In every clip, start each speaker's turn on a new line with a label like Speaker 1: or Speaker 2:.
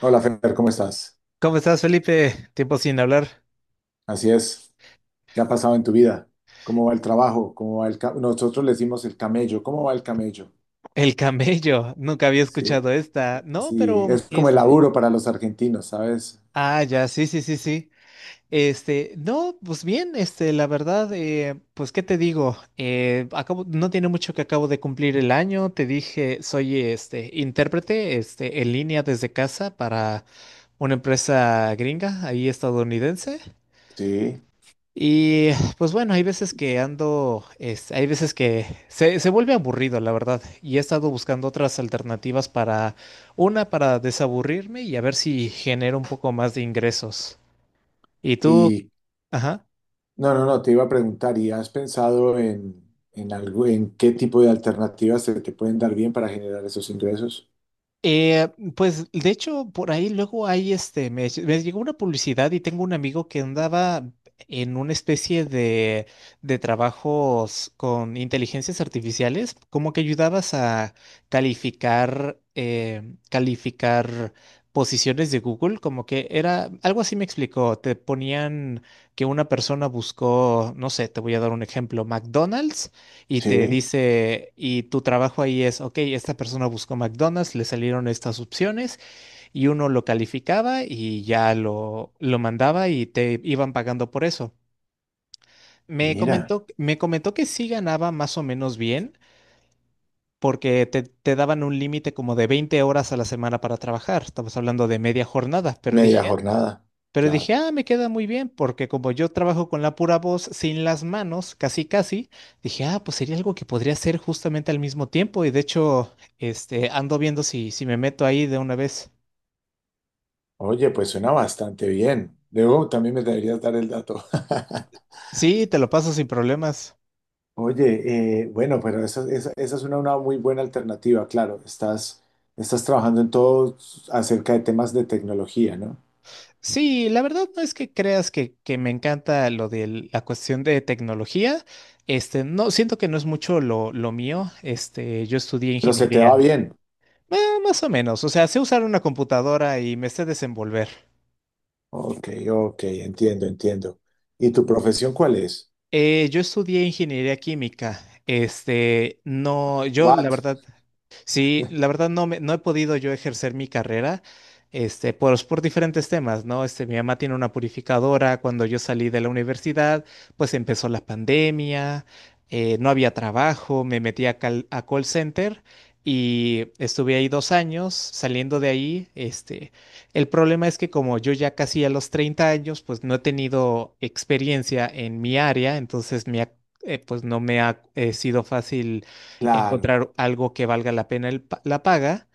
Speaker 1: Hola, Fer, ¿cómo estás?
Speaker 2: ¿Cómo estás, Felipe? Tiempo sin hablar.
Speaker 1: Así es. ¿Qué ha pasado en tu vida? ¿Cómo va el trabajo? ¿Cómo va nosotros le decimos el camello. ¿Cómo va el camello?
Speaker 2: El camello. Nunca había
Speaker 1: Sí,
Speaker 2: escuchado esta. No,
Speaker 1: sí,
Speaker 2: pero
Speaker 1: es como el laburo para los argentinos, ¿sabes?
Speaker 2: Ah, ya, sí, sí, sí, sí. No, pues bien, la verdad, pues, ¿qué te digo? No tiene mucho que acabo de cumplir el año. Te dije, soy intérprete, en línea desde casa para una empresa gringa, ahí estadounidense.
Speaker 1: Sí.
Speaker 2: Y pues bueno, hay veces que hay veces que se vuelve aburrido, la verdad, y he estado buscando otras alternativas para, una, para desaburrirme y a ver si genero un poco más de ingresos. ¿Y tú?
Speaker 1: Y
Speaker 2: Ajá.
Speaker 1: no, te iba a preguntar, ¿y has pensado en algo, en qué tipo de alternativas se te pueden dar bien para generar esos ingresos?
Speaker 2: Eh, pues de hecho, por ahí luego hay este, me, ll- me llegó una publicidad y tengo un amigo que andaba en una especie de trabajos con inteligencias artificiales, como que ayudabas a calificar, calificar posiciones de Google, como que era, algo así me explicó, te ponían que una persona buscó, no sé, te voy a dar un ejemplo, McDonald's y te
Speaker 1: Sí,
Speaker 2: dice, y tu trabajo ahí es, ok, esta persona buscó McDonald's, le salieron estas opciones y uno lo calificaba y ya lo mandaba y te iban pagando por eso.
Speaker 1: mira,
Speaker 2: Me comentó que sí ganaba más o menos bien porque te daban un límite como de 20 horas a la semana para trabajar. Estamos hablando de media jornada,
Speaker 1: media jornada,
Speaker 2: pero
Speaker 1: claro.
Speaker 2: dije, ah, me queda muy bien, porque como yo trabajo con la pura voz sin las manos, casi casi, dije, ah, pues sería algo que podría hacer justamente al mismo tiempo. Y de hecho, ando viendo si me meto ahí de una vez.
Speaker 1: Oye, pues suena bastante bien. Luego también me deberías dar el dato.
Speaker 2: Sí, te lo paso sin problemas.
Speaker 1: Oye, bueno, pero esa es una muy buena alternativa, claro. Estás trabajando en todo acerca de temas de tecnología, ¿no?
Speaker 2: Sí, la verdad no es que creas que me encanta lo de la cuestión de tecnología. No, siento que no es mucho lo mío. Yo estudié
Speaker 1: Pero se te va
Speaker 2: ingeniería,
Speaker 1: bien.
Speaker 2: eh, más o menos. O sea, sé usar una computadora y me sé desenvolver.
Speaker 1: Ok, ok, entiendo, entiendo. ¿Y tu profesión cuál es?
Speaker 2: Yo estudié ingeniería química. No, yo la
Speaker 1: What?
Speaker 2: verdad, sí, la verdad no he podido yo ejercer mi carrera, por diferentes temas, ¿no? Este, mi mamá tiene una purificadora, cuando yo salí de la universidad, pues empezó la pandemia, no había trabajo, me metí a call center y estuve ahí 2 años, saliendo de ahí, el problema es que como yo ya casi a los 30 años, pues no he tenido experiencia en mi área, pues no me ha sido fácil
Speaker 1: Claro,
Speaker 2: encontrar algo que valga la pena la paga.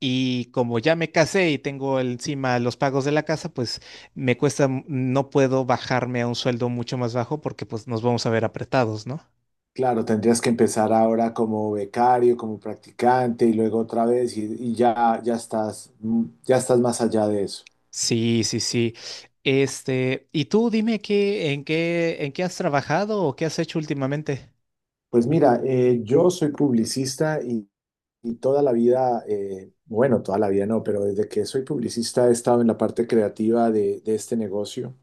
Speaker 2: Y como ya me casé y tengo encima los pagos de la casa, pues me cuesta, no puedo bajarme a un sueldo mucho más bajo porque pues nos vamos a ver apretados, ¿no?
Speaker 1: claro, tendrías que empezar ahora como becario, como practicante y luego otra vez y ya, ya estás, ya estás más allá de eso.
Speaker 2: Sí, sí, sí. Este, y tú dime qué, en qué, en qué has trabajado o qué has hecho últimamente.
Speaker 1: Pues mira, yo soy publicista. Y toda la vida, bueno, toda la vida no, pero desde que soy publicista he estado en la parte creativa de este negocio.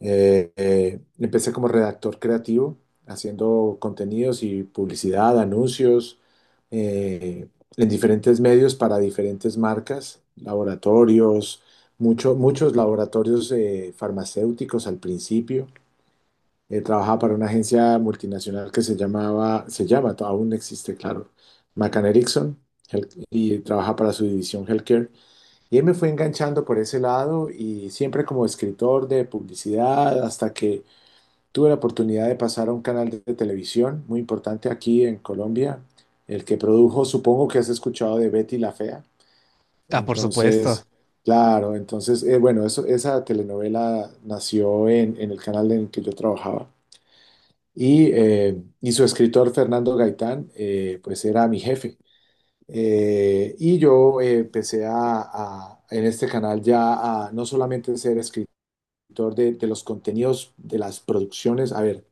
Speaker 1: Empecé como redactor creativo, haciendo contenidos y publicidad, anuncios, eh, en diferentes medios para diferentes marcas, laboratorios, muchos laboratorios farmacéuticos al principio. Trabajaba para una agencia multinacional que se llamaba, se llama, aún existe, claro, McCann Erickson, y trabajaba para su división Healthcare. Y él me fue enganchando por ese lado y siempre como escritor de publicidad, hasta que tuve la oportunidad de pasar a un canal de televisión muy importante aquí en Colombia, el que produjo, supongo que has escuchado de Betty la Fea.
Speaker 2: Ah, por supuesto.
Speaker 1: Entonces, claro, entonces, bueno, eso, esa telenovela nació en el canal en el que yo trabajaba y su escritor Fernando Gaitán, pues era mi jefe. Y yo empecé a, en este canal ya a no solamente ser escritor de los contenidos, de las producciones, a ver,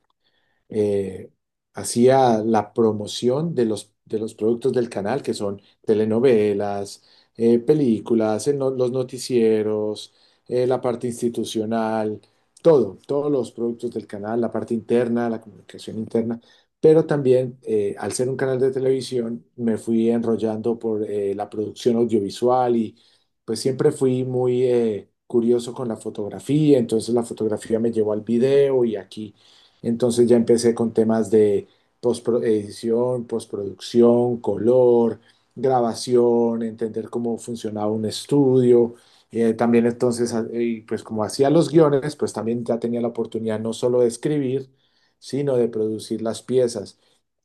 Speaker 1: eh, hacía la promoción de los productos del canal, que son telenovelas, películas, el no- los noticieros, la parte institucional, todo, todos los productos del canal, la parte interna, la comunicación interna. Pero también, al ser un canal de televisión, me fui enrollando por la producción audiovisual y pues siempre fui muy curioso con la fotografía, entonces la fotografía me llevó al video y aquí entonces ya empecé con temas de edición, postproducción, color, grabación, entender cómo funcionaba un estudio. También entonces, y pues como hacía los guiones, pues también ya tenía la oportunidad no solo de escribir, sino de producir las piezas.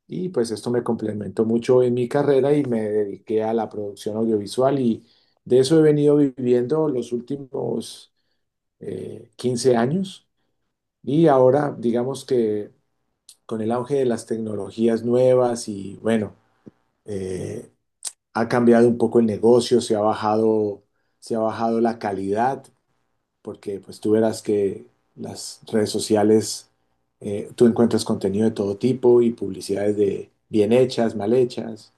Speaker 1: Y pues esto me complementó mucho en mi carrera y me dediqué a la producción audiovisual y de eso he venido viviendo los últimos 15 años. Y ahora, digamos que con el auge de las tecnologías nuevas y bueno, eh, ha cambiado un poco el negocio, se ha bajado la calidad, porque pues tú verás que las redes sociales, tú encuentras contenido de todo tipo y publicidades de bien hechas, mal hechas,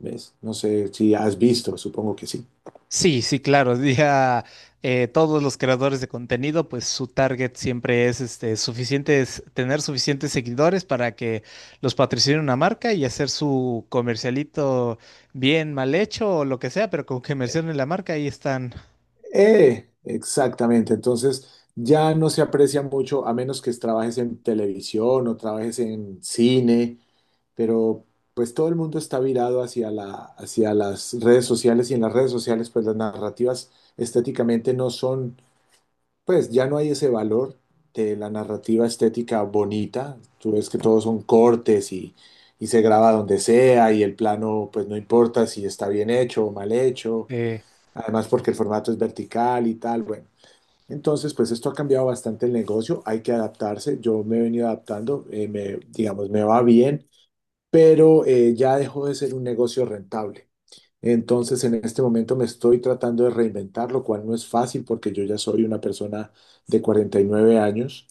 Speaker 1: ¿ves? No sé si has visto, supongo que sí.
Speaker 2: Sí, sí, claro. Ya todos los creadores de contenido, pues su target siempre es tener suficientes seguidores para que los patrocine una marca y hacer su comercialito bien mal hecho o lo que sea, pero con que mencionen la marca, ahí están.
Speaker 1: Exactamente, entonces ya no se aprecia mucho a menos que trabajes en televisión o trabajes en cine, pero pues todo el mundo está virado hacia la, hacia las redes sociales y en las redes sociales pues las narrativas estéticamente no son, pues ya no hay ese valor de la narrativa estética bonita, tú ves que todos son cortes y se graba donde sea y el plano pues no importa si está bien hecho o mal hecho,
Speaker 2: Eh,
Speaker 1: además porque el formato es vertical y tal, bueno. Entonces, pues esto ha cambiado bastante el negocio, hay que adaptarse, yo me he venido adaptando, me, digamos, me va bien, pero ya dejó de ser un negocio rentable. Entonces, en este momento me estoy tratando de reinventar, lo cual no es fácil porque yo ya soy una persona de 49 años,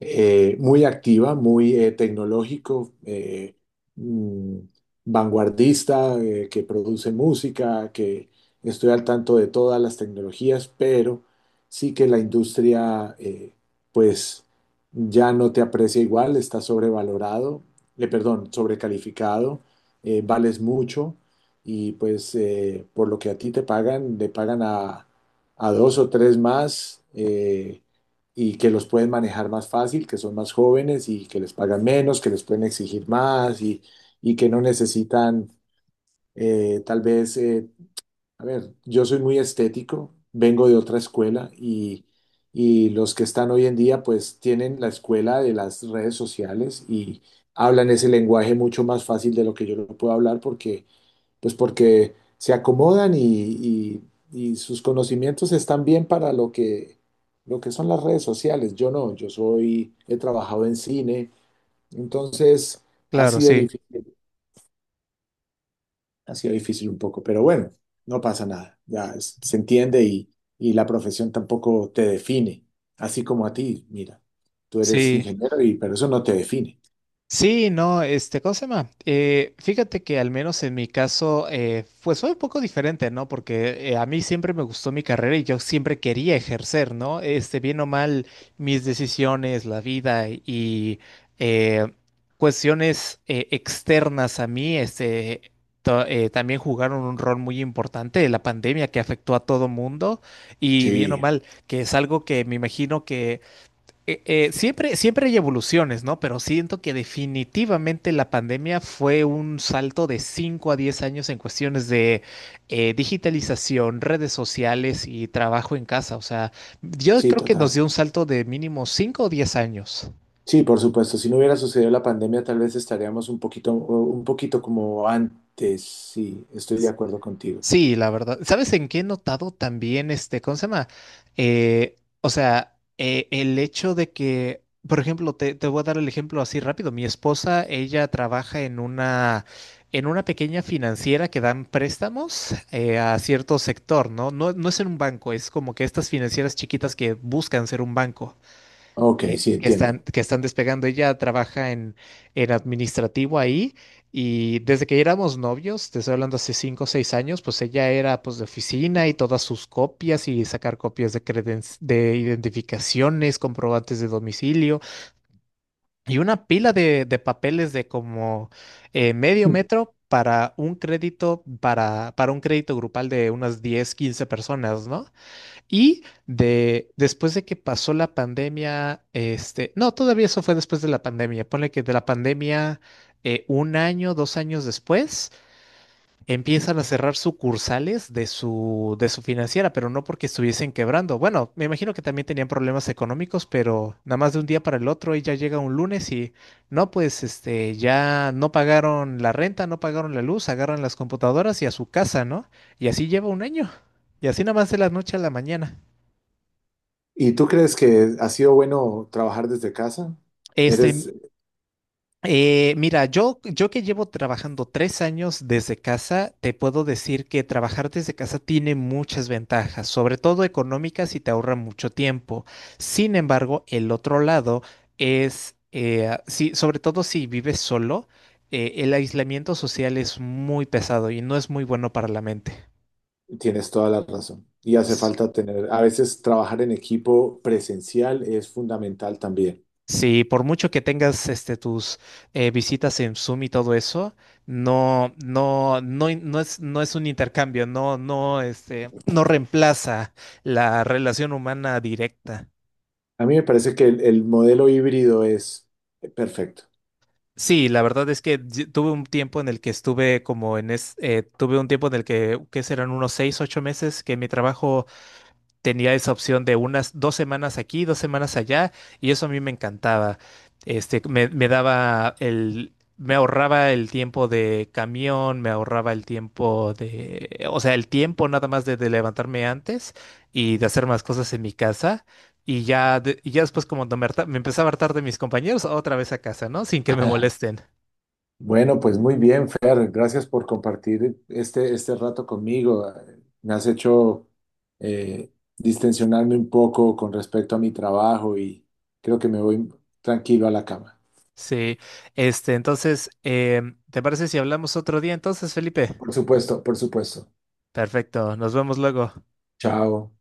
Speaker 1: muy activa, muy tecnológico, mm, vanguardista, que produce música, que estoy al tanto de todas las tecnologías, pero sí que la industria, pues ya no te aprecia igual, está sobrevalorado, perdón, sobrecalificado, vales mucho y pues por lo que a ti te pagan, le pagan a dos o tres más y que los pueden manejar más fácil, que son más jóvenes y que les pagan menos, que les pueden exigir más y que no necesitan tal vez, a ver, yo soy muy estético, vengo de otra escuela y... Y los que están hoy en día, pues tienen la escuela de las redes sociales y hablan ese lenguaje mucho más fácil de lo que yo lo puedo hablar porque pues porque se acomodan y sus conocimientos están bien para lo que son las redes sociales. Yo no, yo soy, he trabajado en cine, entonces ha
Speaker 2: claro,
Speaker 1: sido
Speaker 2: sí.
Speaker 1: difícil, ha sido difícil un poco, pero bueno, no pasa nada, se entiende y la profesión tampoco te define, así como a ti, mira, tú eres
Speaker 2: Sí,
Speaker 1: ingeniero y pero eso no te define.
Speaker 2: sí, no, ¿cómo se llama? Fíjate que al menos en mi caso, pues fue un poco diferente, ¿no? Porque a mí siempre me gustó mi carrera y yo siempre quería ejercer, ¿no? Este, bien o mal, mis decisiones, la vida y eh, cuestiones externas a mí, también jugaron un rol muy importante, la pandemia que afectó a todo mundo y bien o
Speaker 1: Sí,
Speaker 2: mal, que es algo que me imagino que siempre, siempre hay evoluciones, ¿no? Pero siento que definitivamente la pandemia fue un salto de 5 a 10 años en cuestiones de digitalización, redes sociales y trabajo en casa. O sea, yo
Speaker 1: sí,
Speaker 2: creo que nos
Speaker 1: total.
Speaker 2: dio un salto de mínimo 5 o 10 años.
Speaker 1: Sí, por supuesto. Si no hubiera sucedido la pandemia, tal vez estaríamos un poquito como antes. Sí, estoy de acuerdo contigo.
Speaker 2: Sí, la verdad. ¿Sabes en qué he notado también este, ¿cómo se llama? O sea, el hecho de que, por ejemplo, te voy a dar el ejemplo así rápido. Mi esposa, ella trabaja en una pequeña financiera que dan préstamos a cierto sector, ¿no? No, no es en un banco, es como que estas financieras chiquitas que buscan ser un banco
Speaker 1: Ok, sí, entiendo.
Speaker 2: que están despegando. Ella trabaja en administrativo ahí y desde que éramos novios, te estoy hablando hace 5 o 6 años, pues ella era pues de oficina y todas sus copias y sacar copias de de identificaciones, comprobantes de domicilio y una pila de papeles de como medio metro, para un crédito grupal de unas 10 15 personas, ¿no? Y de, después de que pasó la pandemia, este, no, todavía eso fue después de la pandemia. Ponle que de la pandemia, 1 año, 2 años después, empiezan a cerrar sucursales de su financiera, pero no porque estuviesen quebrando. Bueno, me imagino que también tenían problemas económicos, pero nada más de un día para el otro, ella llega un lunes y no, pues, ya no pagaron la renta, no pagaron la luz, agarran las computadoras y a su casa, ¿no? Y así lleva 1 año. Y así nada más de la noche a la mañana.
Speaker 1: ¿Y tú crees que ha sido bueno trabajar desde casa?
Speaker 2: Este,
Speaker 1: Eres,
Speaker 2: Mira, yo que llevo trabajando 3 años desde casa, te puedo decir que trabajar desde casa tiene muchas ventajas, sobre todo económicas y te ahorra mucho tiempo. Sin embargo, el otro lado es, sí, sobre todo si vives solo, el aislamiento social es muy pesado y no es muy bueno para la mente.
Speaker 1: tienes toda la razón. Y hace falta tener, a veces trabajar en equipo presencial es fundamental también.
Speaker 2: Sí, por mucho que tengas tus visitas en Zoom y todo eso, no, no, no, no no es un intercambio, no, no, no reemplaza la relación humana directa.
Speaker 1: A mí me parece que el modelo híbrido es perfecto.
Speaker 2: Sí, la verdad es que yo tuve un tiempo en el que estuve como en es, tuve un tiempo en el que, ¿qué serán? Unos 6, 8 meses que mi trabajo tenía esa opción de unas 2 semanas aquí, 2 semanas allá, y eso a mí me encantaba. Me daba me ahorraba el tiempo de camión, me ahorraba el tiempo de, o sea, el tiempo nada más de levantarme antes y de hacer más cosas en mi casa. Y ya, y ya después como no me, harta- me empezaba a hartar de mis compañeros, otra vez a casa, ¿no? Sin que me molesten.
Speaker 1: Bueno, pues muy bien, Fer. Gracias por compartir este, este rato conmigo. Me has hecho distensionarme un poco con respecto a mi trabajo y creo que me voy tranquilo a la cama.
Speaker 2: Sí, entonces, ¿te parece si hablamos otro día entonces, Felipe?
Speaker 1: Por supuesto, por supuesto.
Speaker 2: Perfecto, nos vemos luego.
Speaker 1: Chao.